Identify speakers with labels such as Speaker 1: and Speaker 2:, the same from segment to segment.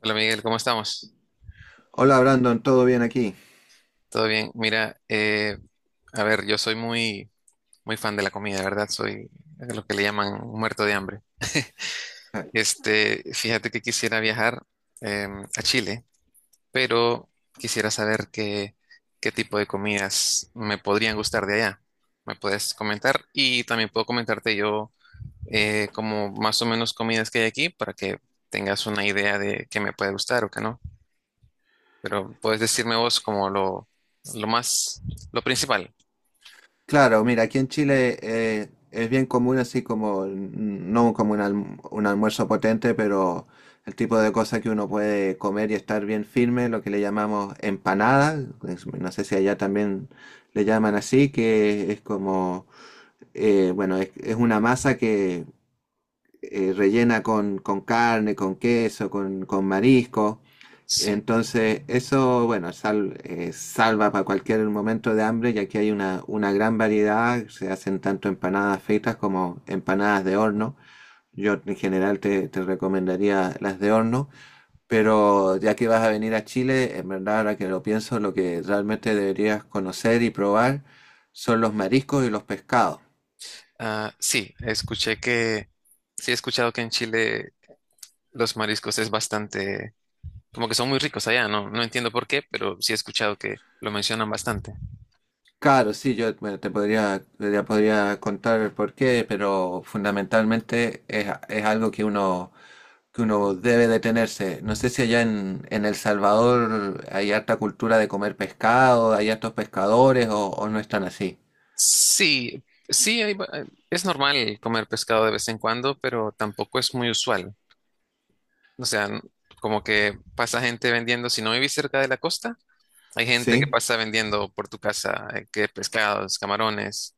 Speaker 1: Hola Miguel, ¿cómo estamos?
Speaker 2: Hola Brandon, ¿todo bien aquí?
Speaker 1: ¿Todo bien? Mira, a ver, yo soy muy fan de la comida, ¿verdad? Soy lo que le llaman un muerto de hambre.
Speaker 2: Ja.
Speaker 1: Este, fíjate que quisiera viajar eh, a Chile, pero quisiera saber qué tipo de comidas me podrían gustar de allá. ¿Me puedes comentar? Y también puedo comentarte yo como más o menos comidas que hay aquí para que tengas una idea de qué me puede gustar o qué no. Pero puedes decirme vos como lo lo principal.
Speaker 2: Claro, mira, aquí en Chile es bien común así como, no como un almuerzo potente, pero el tipo de cosas que uno puede comer y estar bien firme, lo que le llamamos empanada, no sé si allá también le llaman así, que es como, bueno, es una masa que rellena con carne, con queso, con marisco.
Speaker 1: Sí.
Speaker 2: Entonces, eso, bueno, salva para cualquier momento de hambre, ya que hay una gran variedad, se hacen tanto empanadas fritas como empanadas de horno. Yo en general te recomendaría las de horno, pero ya que vas a venir a Chile, en verdad, ahora que lo pienso, lo que realmente deberías conocer y probar son los mariscos y los pescados.
Speaker 1: Ah, sí, sí he escuchado que en Chile los mariscos es bastante, como que son muy ricos allá, no entiendo por qué, pero sí he escuchado que lo mencionan bastante.
Speaker 2: Claro, sí, yo bueno, te podría contar el porqué, pero fundamentalmente es algo que uno debe detenerse. No sé si en El Salvador hay harta cultura de comer pescado, hay hartos pescadores o no están así.
Speaker 1: Sí, sí, es normal comer pescado de vez en cuando, pero tampoco es muy usual. O sea, como que pasa gente vendiendo, si no vivís cerca de la costa, hay gente que
Speaker 2: Sí.
Speaker 1: pasa vendiendo por tu casa, que pescados, camarones,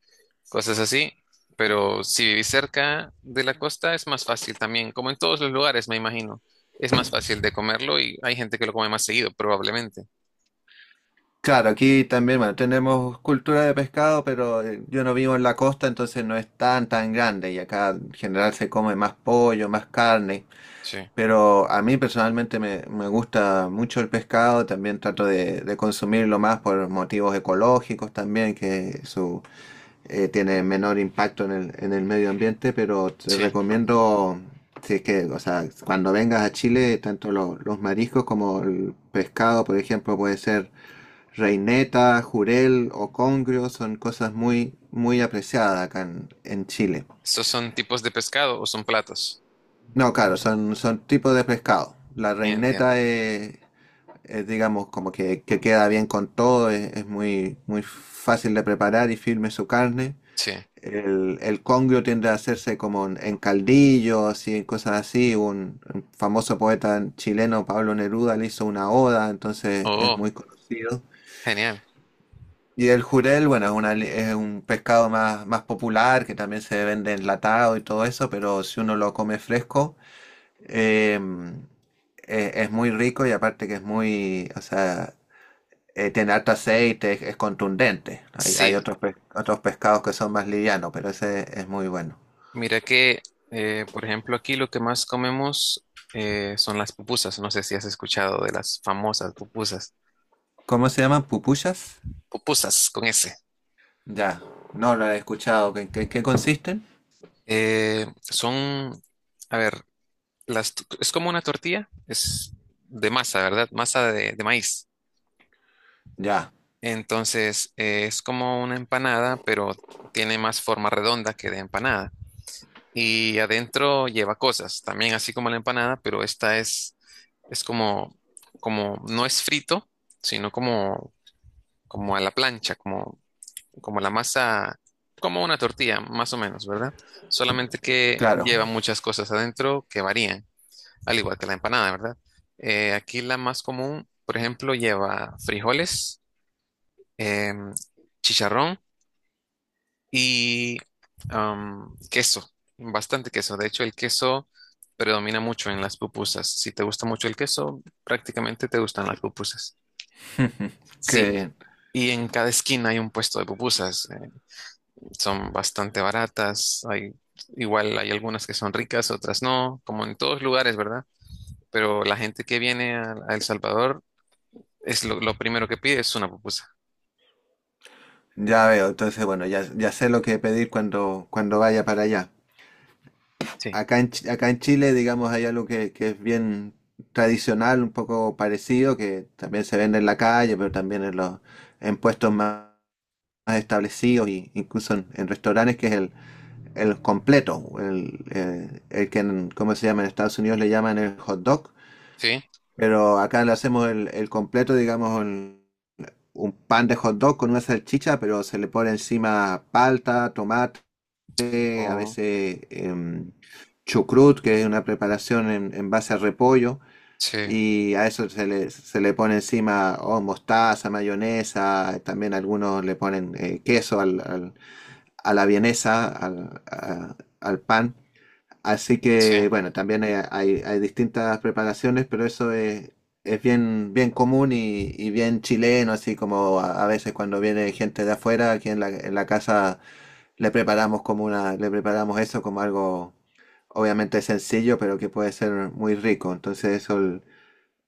Speaker 1: cosas así. Pero si vivís cerca de la costa es más fácil también, como en todos los lugares, me imagino. Es más fácil de comerlo y hay gente que lo come más seguido, probablemente.
Speaker 2: Claro, aquí también, bueno, tenemos cultura de pescado, pero yo no vivo en la costa, entonces no es tan tan grande y acá en general se come más pollo, más carne.
Speaker 1: Sí,
Speaker 2: Pero a mí personalmente me gusta mucho el pescado, también trato de consumirlo más por motivos ecológicos también, tiene menor impacto en el medio ambiente, pero te
Speaker 1: sí.
Speaker 2: recomiendo, si es que, o sea, cuando vengas a Chile, tanto los mariscos como el pescado, por ejemplo, puede ser reineta, jurel o congrio, son cosas muy, muy apreciadas en Chile.
Speaker 1: ¿Estos son tipos de pescado o son platos?
Speaker 2: No, claro, son tipos de pescado.
Speaker 1: Entiendo.
Speaker 2: Es, digamos, como que queda bien con todo, es muy, muy fácil de preparar y firme su carne.
Speaker 1: Sí.
Speaker 2: El congrio tiende a hacerse como en caldillo, así, en cosas así. Un famoso poeta chileno, Pablo Neruda, le hizo una oda, entonces es
Speaker 1: Oh,
Speaker 2: muy conocido.
Speaker 1: genial.
Speaker 2: Y el jurel, bueno, es un pescado más, más popular que también se vende enlatado y todo eso, pero si uno lo come fresco, em, es muy rico y aparte que es muy, o sea, tiene harto aceite, es contundente. Hay
Speaker 1: Sí,
Speaker 2: otros pescados que son más livianos, pero ese es muy bueno.
Speaker 1: mira que, por ejemplo, aquí lo que más comemos son las pupusas. No sé si has escuchado de las famosas pupusas.
Speaker 2: ¿Cómo se llaman? ¿Pupusas?
Speaker 1: Pupusas con S.
Speaker 2: Ya, no lo he escuchado. En qué consisten?
Speaker 1: Son, a ver, es como una tortilla, es de masa, ¿verdad? Masa de maíz.
Speaker 2: Ya,
Speaker 1: Entonces, es como una empanada, pero tiene más forma redonda que de empanada. Y adentro lleva cosas, también así como la empanada, pero esta es como, como, no es frito, sino como, como a la plancha, como, como la masa, como una tortilla, más o menos, ¿verdad? Solamente que
Speaker 2: claro,
Speaker 1: lleva muchas cosas adentro que varían. Al igual que la empanada, ¿verdad? Aquí la más común, por ejemplo, lleva frijoles, em, chicharrón y queso, bastante queso. De hecho, el queso predomina mucho en las pupusas. Si te gusta mucho el queso, prácticamente te gustan las pupusas. Sí,
Speaker 2: que
Speaker 1: y en cada esquina hay un puesto de pupusas. Son bastante baratas. Hay, igual hay algunas que son ricas, otras no, como en todos lugares, ¿verdad? Pero la gente que viene a El Salvador es lo primero que pide es una pupusa.
Speaker 2: ya veo. Entonces, bueno, ya, ya sé lo que pedir cuando, cuando vaya para allá.
Speaker 1: Sí.
Speaker 2: Acá en Chile, digamos, hay algo que es bien tradicional, un poco parecido, que también se vende en la calle, pero también en puestos más establecidos, y incluso en restaurantes, que es el completo, ¿cómo se llama? En Estados Unidos le llaman el hot dog.
Speaker 1: Sí.
Speaker 2: Pero acá le hacemos el completo, digamos, un pan de hot dog con una salchicha, pero se le pone encima palta, tomate, a
Speaker 1: Oh,
Speaker 2: veces chucrut, que es una preparación en base a repollo,
Speaker 1: sí,
Speaker 2: y a eso se le pone encima mostaza, mayonesa, también algunos le ponen queso a la vienesa, al pan. Así que,
Speaker 1: sí.
Speaker 2: bueno, también hay distintas preparaciones, pero es bien, bien común y bien chileno, así como a veces cuando viene gente de afuera, aquí en la casa le preparamos eso como algo obviamente sencillo, pero que puede ser muy rico.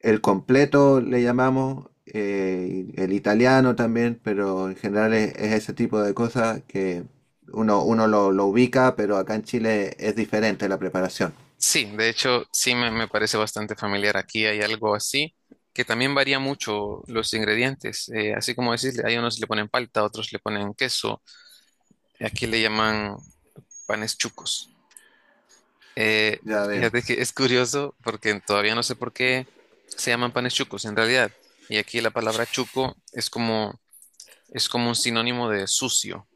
Speaker 2: El completo le llamamos, el italiano también, pero en general es ese tipo de cosas que uno lo ubica, pero acá en Chile es diferente la preparación.
Speaker 1: Sí, de hecho, me parece bastante familiar. Aquí hay algo así que también varía mucho los ingredientes. Así como decís, hay unos le ponen palta, otros le ponen queso. Aquí le llaman panes chucos. Eh,
Speaker 2: Ya veo.
Speaker 1: Fíjate que es curioso porque todavía no sé por qué se llaman panes chucos en realidad. Y aquí la palabra chuco es como un sinónimo de sucio.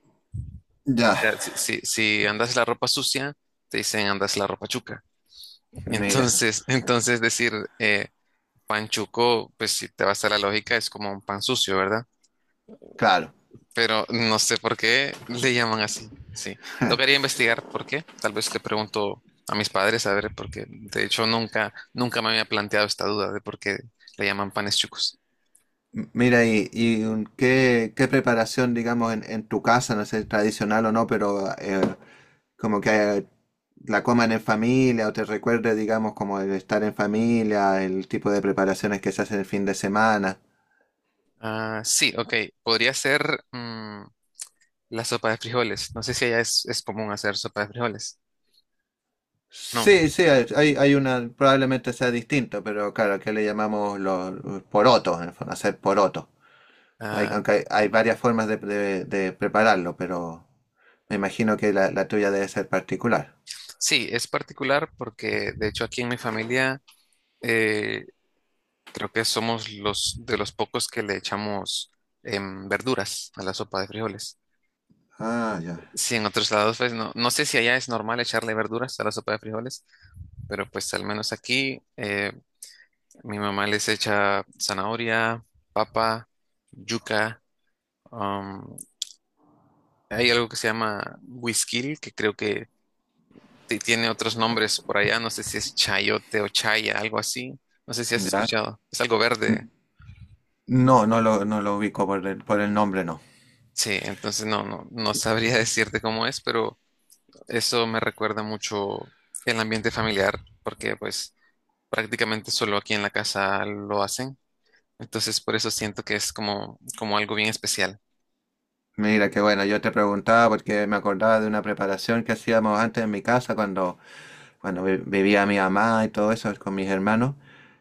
Speaker 2: Ya,
Speaker 1: Sea, si andas la ropa sucia, te dicen andas la ropa chuca.
Speaker 2: mira,
Speaker 1: Entonces, entonces decir eh, pan chuco, pues si te vas a la lógica, es como un pan sucio, ¿verdad?
Speaker 2: claro.
Speaker 1: Pero no sé por qué le llaman así. Sí, tocaría investigar por qué. Tal vez le pregunto a mis padres a ver, porque de hecho nunca, nunca me había planteado esta duda de por qué le llaman panes chucos.
Speaker 2: Mira, qué preparación, digamos, en tu casa, no sé, tradicional o no, pero como que la coman en familia o te recuerde, digamos, como el estar en familia, el tipo de preparaciones que se hacen el fin de semana.
Speaker 1: Ah, sí, ok. Podría ser la sopa de frijoles. No sé si allá es común hacer sopa de frijoles. No.
Speaker 2: Sí, sí, hay una, probablemente sea distinto, pero claro, aquí le llamamos los porotos, en el fondo, hacer porotos. Hay,
Speaker 1: Ah,
Speaker 2: aunque hay varias formas de prepararlo, pero me imagino que la tuya debe ser particular.
Speaker 1: sí, es particular porque de hecho aquí en mi familia eh, creo que somos los de los pocos que le echamos verduras a la sopa de frijoles.
Speaker 2: Ah, ya.
Speaker 1: Sí, en otros lados pues no, no sé si allá es normal echarle verduras a la sopa de frijoles, pero pues al menos aquí mi mamá les echa zanahoria, papa, yuca. um, Hay algo que se llama whisky, que creo que tiene otros nombres por allá, no sé si es chayote o chaya, algo así, no sé si has
Speaker 2: Ya.
Speaker 1: escuchado, es algo
Speaker 2: N-
Speaker 1: verde,
Speaker 2: No, no lo ubico por el nombre, no.
Speaker 1: sí, entonces no, no sabría decirte cómo es, pero eso me recuerda mucho el ambiente familiar, porque pues prácticamente solo aquí en la casa lo hacen, entonces por eso siento que es como, como algo bien especial,
Speaker 2: Mira, que bueno, yo te preguntaba porque me acordaba de una preparación que hacíamos antes en mi casa cuando vivía mi mamá y todo eso con mis hermanos,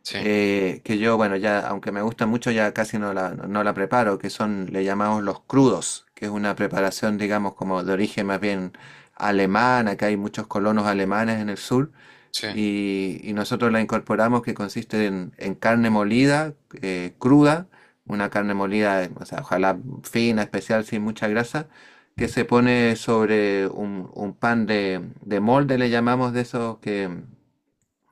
Speaker 1: sí,
Speaker 2: que yo, bueno, ya, aunque me gusta mucho, ya casi no la preparo, que son, le llamamos los crudos, que es una preparación, digamos, como de origen más bien alemán, acá hay muchos colonos alemanes en el sur,
Speaker 1: sí,
Speaker 2: y nosotros la incorporamos, que consiste en carne molida, cruda, una carne molida, o sea, ojalá fina, especial, sin mucha grasa, que se pone sobre un pan de molde, le llamamos, de esos que,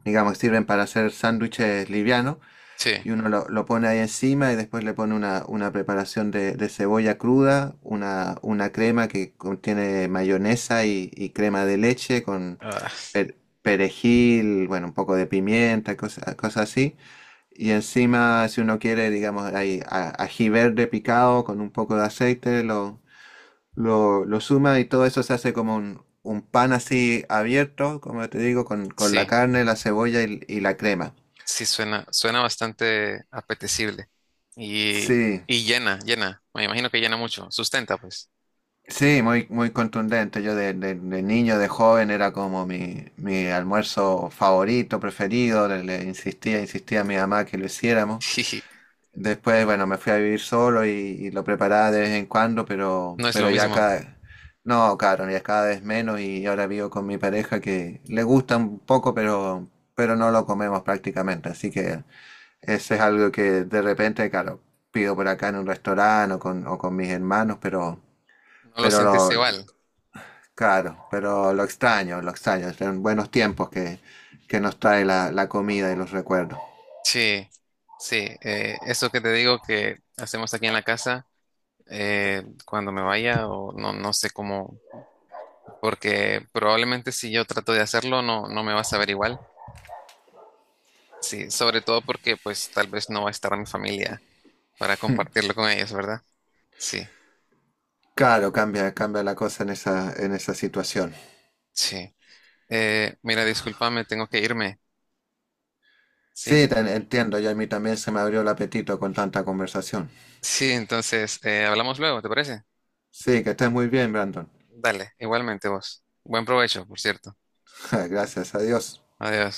Speaker 2: digamos, sirven para hacer sándwiches livianos.
Speaker 1: sí,
Speaker 2: Y uno lo pone ahí encima y después le pone una preparación de cebolla cruda, una crema que contiene mayonesa y crema de leche con
Speaker 1: ah,
Speaker 2: per- perejil, bueno, un poco de pimienta, cosas, cosas así. Y encima, si uno quiere, digamos, ají verde picado con un poco de aceite, lo suma y todo eso se hace como un pan así abierto, como te digo, con
Speaker 1: sí,
Speaker 2: la carne, la cebolla y la crema.
Speaker 1: sí, suena, suena bastante apetecible y...
Speaker 2: Sí,
Speaker 1: Y llena, llena. Me imagino que llena mucho. Sustenta, pues.
Speaker 2: sí, muy, muy contundente. Yo de niño, de joven, era como mi almuerzo favorito, preferido. Le insistía, insistía a mi mamá que lo hiciéramos.
Speaker 1: Sí,
Speaker 2: Después, bueno, me fui a vivir solo y lo preparaba de vez en cuando, pero,
Speaker 1: no es lo mismo,
Speaker 2: no, claro, ya cada vez menos y ahora vivo con mi pareja que le gusta un poco, pero no lo comemos prácticamente. Así que ese es algo que de repente, claro, pido por acá en un restaurante o con mis hermanos, pero,
Speaker 1: no lo no
Speaker 2: pero
Speaker 1: sentís
Speaker 2: lo,
Speaker 1: igual.
Speaker 2: claro, pero lo extraño, lo extraño. Son buenos tiempos que nos trae la comida y los recuerdos.
Speaker 1: Sí, sí, eso que te digo que hacemos aquí en la casa, cuando me vaya o no, no sé cómo, porque probablemente si yo trato de hacerlo no, no me vas a ver igual. Sí, sobre todo porque pues tal vez no va a estar mi familia para compartirlo con ellos, ¿verdad? Sí,
Speaker 2: Claro, cambia, cambia la cosa en esa situación.
Speaker 1: sí. Mira, discúlpame, tengo que irme. Sí,
Speaker 2: Sí, te entiendo, y a mí también se me abrió el apetito con tanta conversación.
Speaker 1: sí, entonces hablamos luego, ¿te parece?
Speaker 2: Sí, que estés muy bien, Brandon.
Speaker 1: Dale, igualmente vos. Buen provecho, por cierto.
Speaker 2: Gracias a Dios.
Speaker 1: Adiós.